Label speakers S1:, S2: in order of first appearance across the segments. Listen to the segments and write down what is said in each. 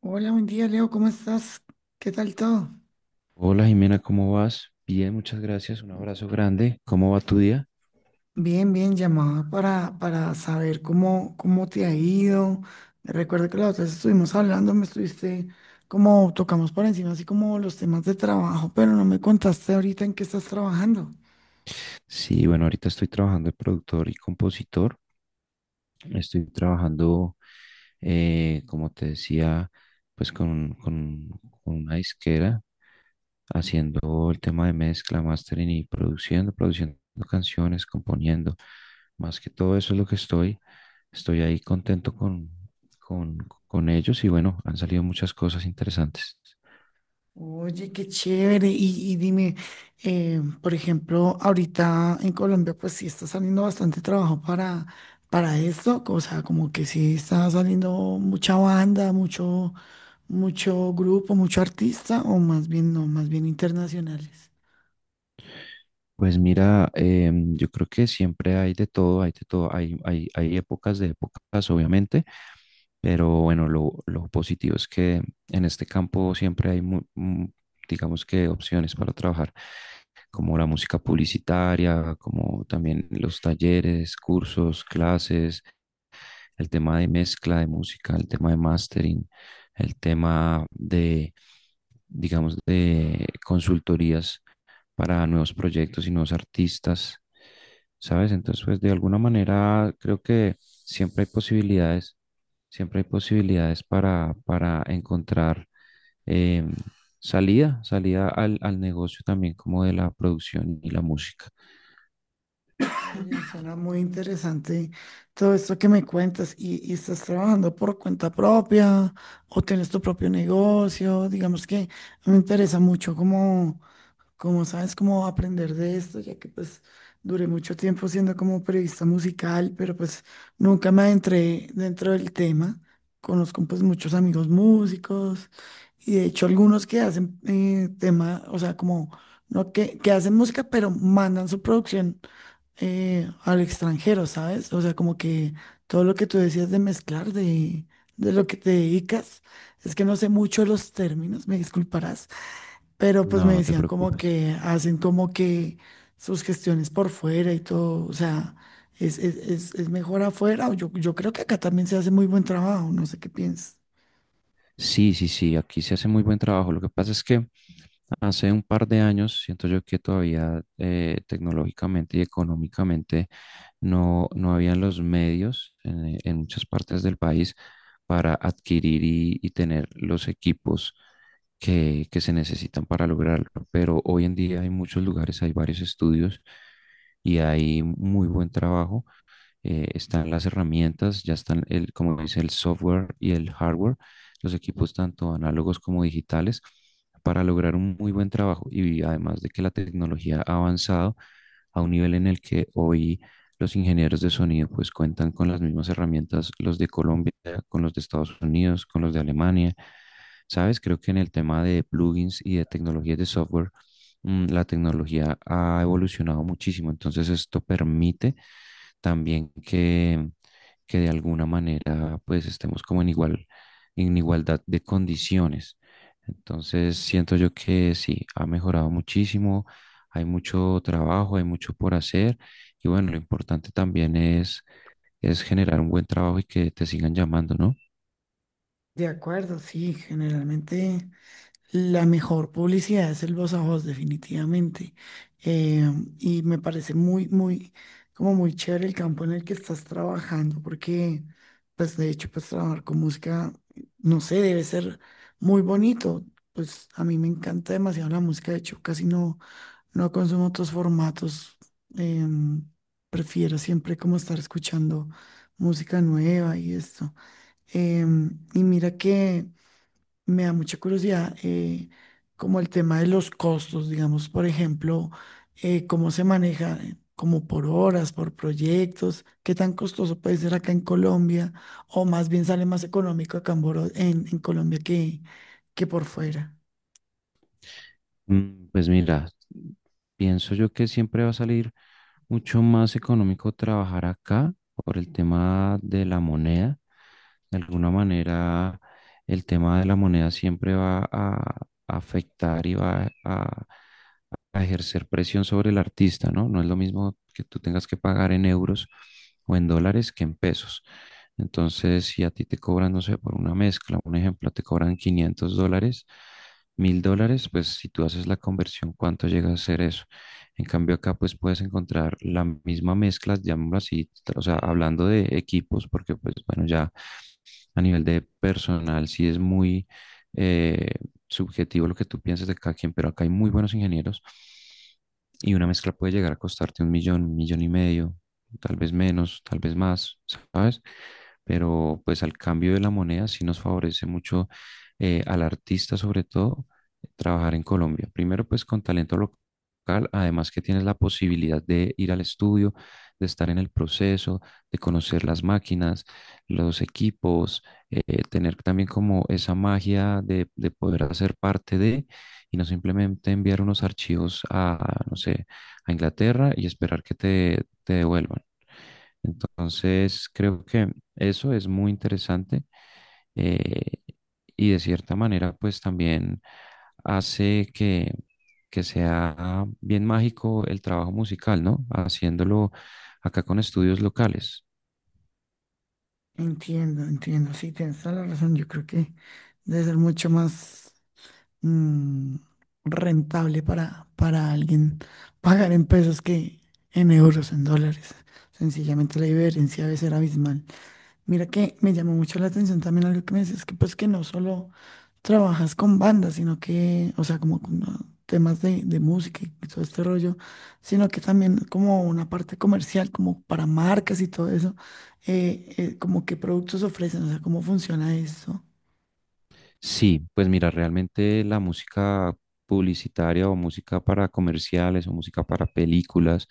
S1: Hola, buen día, Leo, ¿cómo estás? ¿Qué tal todo?
S2: Hola Jimena, ¿cómo vas? Bien, muchas gracias, un abrazo grande. ¿Cómo va tu día?
S1: Bien, bien, llamada para saber cómo te ha ido. Recuerdo que la otra vez estuvimos hablando, me estuviste como tocamos por encima, así como los temas de trabajo, pero no me contaste ahorita en qué estás trabajando.
S2: Sí, bueno, ahorita estoy trabajando de productor y compositor. Estoy trabajando, como te decía, pues con una disquera, haciendo el tema de mezcla, mastering y produciendo canciones, componiendo. Más que todo eso es lo que estoy. Estoy ahí contento con, con ellos y bueno, han salido muchas cosas interesantes.
S1: Oye, qué chévere. Y dime, por ejemplo, ahorita en Colombia, pues sí está saliendo bastante trabajo para esto. O sea, como que sí está saliendo mucha banda, mucho, mucho grupo, mucho artista, o más bien no, más bien internacionales.
S2: Pues mira, yo creo que siempre hay de todo, hay de todo, hay épocas de épocas, obviamente, pero bueno, lo positivo es que en este campo siempre hay, digamos que, opciones para trabajar, como la música publicitaria, como también los talleres, cursos, clases, el tema de mezcla de música, el tema de mastering, el tema de, digamos, de consultorías para nuevos proyectos y nuevos artistas, ¿sabes? Entonces, pues de alguna manera creo que siempre hay posibilidades para encontrar eh, salida, salida al negocio también como de la producción y la música.
S1: Oye, suena muy interesante todo esto que me cuentas. ¿Y estás trabajando por cuenta propia o tienes tu propio negocio? Digamos que me interesa mucho como como sabes, cómo aprender de esto, ya que pues duré mucho tiempo siendo como periodista musical, pero pues nunca me adentré dentro del tema. Conozco pues muchos amigos músicos y de hecho algunos que hacen tema, o sea, como no que, que hacen música, pero mandan su producción al extranjero, ¿sabes? O sea, como que todo lo que tú decías de mezclar, de lo que te dedicas, es que no sé mucho los términos, me disculparás pero pues me
S2: No, no te
S1: decían como
S2: preocupes.
S1: que hacen como que sus gestiones por fuera y todo, o sea, es mejor afuera, o yo creo que acá también se hace muy buen trabajo, no sé qué piensas.
S2: Sí, sí, sí, aquí se hace muy buen trabajo. Lo que pasa es que hace un par de años siento yo que todavía, tecnológicamente y económicamente, no habían los medios en muchas partes del país para adquirir y tener los equipos que se necesitan para lograrlo. Pero hoy en día hay muchos lugares, hay varios estudios y hay muy buen trabajo. Están las herramientas, ya están, el, como dice, el software y el hardware, los equipos tanto análogos como digitales, para lograr un muy buen trabajo. Y además de que la tecnología ha avanzado a un nivel en el que hoy los ingenieros de sonido pues cuentan con las mismas herramientas, los de Colombia, con los de Estados Unidos, con los de Alemania. Sabes, creo que en el tema de plugins y de tecnologías de software, la tecnología ha evolucionado muchísimo. Entonces esto permite también que de alguna manera pues estemos como en igualdad de condiciones. Entonces siento yo que sí, ha mejorado muchísimo, hay mucho trabajo, hay mucho por hacer y bueno, lo importante también es generar un buen trabajo y que te sigan llamando, ¿no?
S1: De acuerdo, sí, generalmente. La mejor publicidad es el voz a voz, definitivamente. Eh, y me parece muy, muy, como muy chévere el campo en el que estás trabajando, porque, pues, de hecho, pues, trabajar con música, no sé, debe ser muy bonito. Pues, a mí me encanta demasiado la música. De hecho, casi no, no consumo otros formatos. Em, Prefiero siempre como estar escuchando música nueva y esto. Y mira que me da mucha curiosidad, como el tema de los costos, digamos, por ejemplo, cómo se maneja, como por horas, por proyectos, qué tan costoso puede ser acá en Colombia, o más bien sale más económico acá en, en Colombia que por fuera.
S2: Pues mira, pienso yo que siempre va a salir mucho más económico trabajar acá por el tema de la moneda. De alguna manera, el tema de la moneda siempre va a afectar y va a ejercer presión sobre el artista, ¿no? No es lo mismo que tú tengas que pagar en euros o en dólares que en pesos. Entonces, si a ti te cobran, no sé, por una mezcla, un ejemplo, te cobran $500, $1.000, pues si tú haces la conversión, ¿cuánto llega a ser eso? En cambio, acá pues puedes encontrar la misma mezcla, llamémoslo así, o sea, hablando de equipos, porque pues bueno, ya a nivel de personal, sí es muy, eh, subjetivo lo que tú piensas de cada quien, pero acá hay muy buenos ingenieros y una mezcla puede llegar a costarte un millón y medio, tal vez menos, tal vez más, ¿sabes? Pero pues al cambio de la moneda sí nos favorece mucho, al artista sobre todo trabajar en Colombia. Primero pues con talento local, además que tienes la posibilidad de ir al estudio, de estar en el proceso, de conocer las máquinas, los equipos, tener también como esa magia de poder hacer parte de y no simplemente enviar unos archivos a, no sé, a Inglaterra y esperar que te devuelvan. Entonces, creo que eso es muy interesante, eh, y de cierta manera, pues también hace que sea bien mágico el trabajo musical, ¿no? Haciéndolo acá con estudios locales.
S1: Entiendo, entiendo, sí, tienes toda la razón, yo creo que debe ser mucho más, mm, rentable para alguien pagar en pesos que en euros, en dólares. Sencillamente la diferencia debe ser abismal. Mira que me llamó mucho la atención también algo que me decías, que pues que no solo trabajas con bandas, sino que, o sea, como con temas de música y todo este rollo, sino que también como una parte comercial, como para marcas y todo eso, como qué productos ofrecen, o sea, cómo funciona eso.
S2: Sí, pues mira, realmente la música publicitaria o música para comerciales o música para películas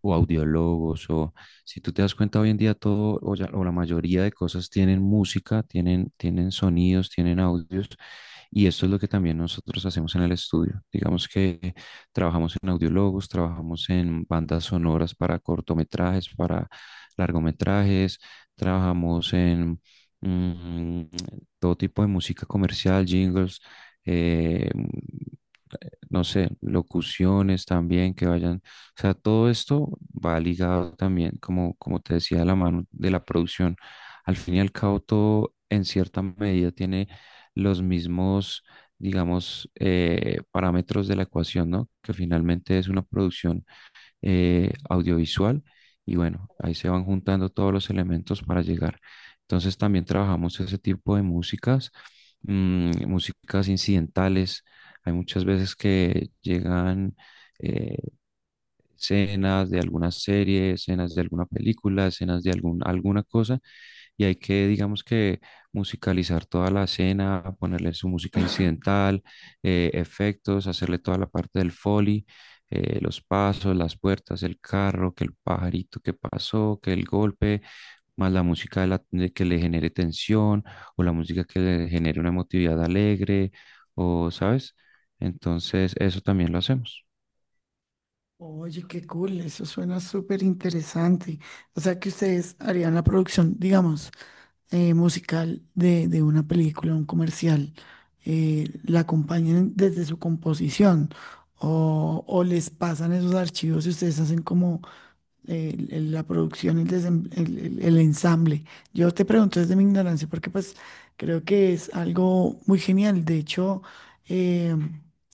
S2: o audiólogos o, si tú te das cuenta, hoy en día o la mayoría de cosas tienen música, tienen sonidos, tienen audios, y esto es lo que también nosotros hacemos en el estudio. Digamos que trabajamos en audiólogos, trabajamos en bandas sonoras para cortometrajes, para largometrajes, trabajamos en... mm, todo tipo de música comercial, jingles, eh, no sé, locuciones también que vayan, o sea, todo esto va ligado también, como te decía, de la mano de la producción. Al fin y al cabo, todo en cierta medida tiene los mismos, digamos, parámetros de la ecuación, ¿no? Que finalmente es una producción audiovisual, y bueno, ahí se van juntando todos los elementos para llegar. Entonces también trabajamos ese tipo de músicas, músicas incidentales. Hay muchas veces que llegan eh, escenas de alguna serie, escenas de alguna película, escenas de alguna cosa, y hay que, digamos que, musicalizar toda la escena, ponerle su música incidental, efectos, hacerle toda la parte del foley, los pasos, las puertas, el carro, que el pajarito que pasó, que el golpe, más la música de que le genere tensión o la música que le genere una emotividad alegre, o, ¿sabes? Entonces, eso también lo hacemos.
S1: Oye, qué cool, eso suena súper interesante. O sea, que ustedes harían la producción, digamos, musical de una película, un comercial, la acompañan desde su composición o les pasan esos archivos y ustedes hacen como la producción, el, desem- el ensamble. Yo te pregunto desde mi ignorancia, porque pues creo que es algo muy genial. De hecho, eh,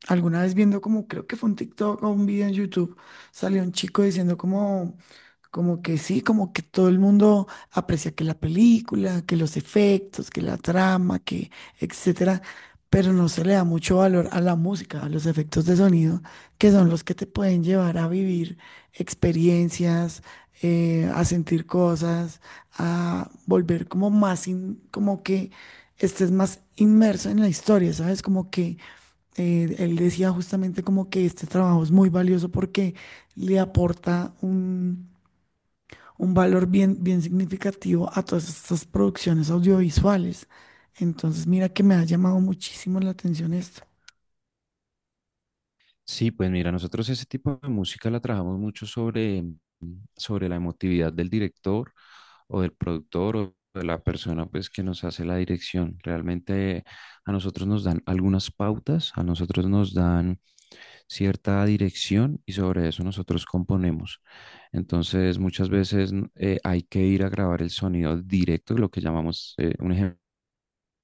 S1: alguna vez viendo como, creo que fue un TikTok o un video en YouTube, salió un chico diciendo como, como que sí, como que todo el mundo aprecia que la película, que los efectos, que la trama, que etcétera, pero no se le da mucho valor a la música, a los efectos de sonido, que son los que te pueden llevar a vivir experiencias, a sentir cosas, a volver como más, como que estés más inmerso en la historia, ¿sabes? Como que él decía justamente como que este trabajo es muy valioso porque le aporta un valor bien, bien significativo a todas estas producciones audiovisuales. Entonces, mira que me ha llamado muchísimo la atención esto.
S2: Sí, pues mira, nosotros ese tipo de música la trabajamos mucho sobre la emotividad del director o del productor o de la persona pues que nos hace la dirección. Realmente a nosotros nos dan algunas pautas, a nosotros nos dan cierta dirección y sobre eso nosotros componemos. Entonces muchas veces hay que ir a grabar el sonido directo, lo que llamamos, un ejemplo,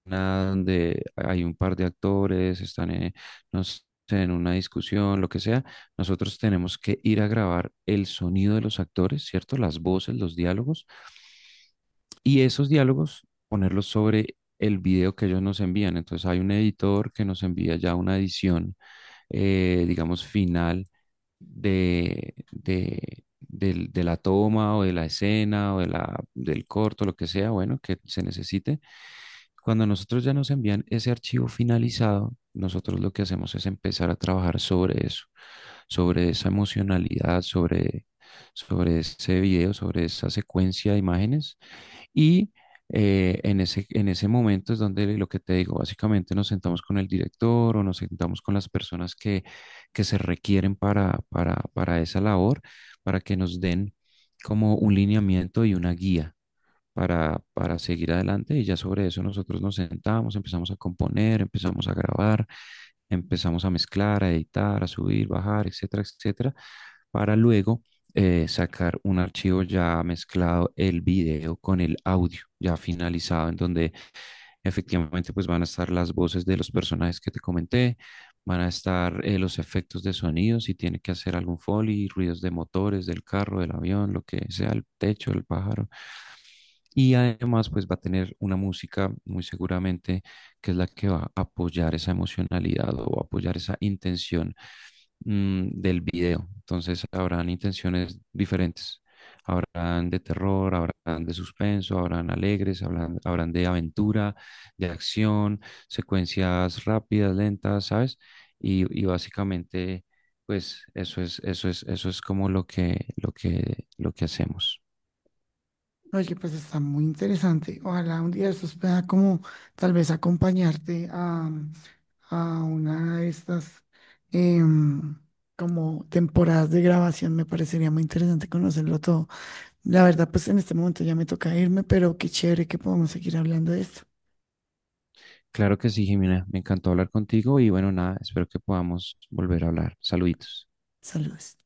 S2: una donde hay un par de actores, están en, no sé, en una discusión, lo que sea, nosotros tenemos que ir a grabar el sonido de los actores, ¿cierto? Las voces, los diálogos, y esos diálogos ponerlos sobre el video que ellos nos envían. Entonces hay un editor que nos envía ya una edición, digamos, final de la toma o de la escena o del corto, lo que sea, bueno, que se necesite. Cuando nosotros ya nos envían ese archivo finalizado, nosotros lo que hacemos es empezar a trabajar sobre eso, sobre esa emocionalidad, sobre ese video, sobre esa secuencia de imágenes. Y, en ese momento es donde lo que te digo, básicamente nos sentamos con el director o nos sentamos con las personas que se requieren para esa labor, para que nos den como un lineamiento y una guía para seguir adelante, y ya sobre eso nosotros nos sentamos, empezamos a componer, empezamos a grabar, empezamos a mezclar, a editar, a subir, bajar, etcétera, etcétera, para luego, sacar un archivo ya mezclado el video con el audio ya finalizado, en donde efectivamente pues van a estar las voces de los personajes que te comenté. Van a estar, los efectos de sonido, si tiene que hacer algún foley, ruidos de motores, del carro, del avión, lo que sea, el techo, el pájaro, y además, pues va a tener una música muy seguramente que es la que va a apoyar esa emocionalidad o apoyar esa intención del video. Entonces, habrán intenciones diferentes. Habrán de terror, habrán de suspenso, habrán alegres, habrán de aventura, de acción, secuencias rápidas, lentas, ¿sabes? Y básicamente, pues eso es como lo que hacemos.
S1: Oye, pues está muy interesante. Ojalá un día de estos pueda como tal vez acompañarte a una de estas em, como temporadas de grabación. Me parecería muy interesante conocerlo todo. La verdad, pues en este momento ya me toca irme, pero qué chévere que podamos seguir hablando de esto.
S2: Claro que sí, Jimena. Me encantó hablar contigo y bueno, nada, espero que podamos volver a hablar. Saluditos.
S1: Saludos.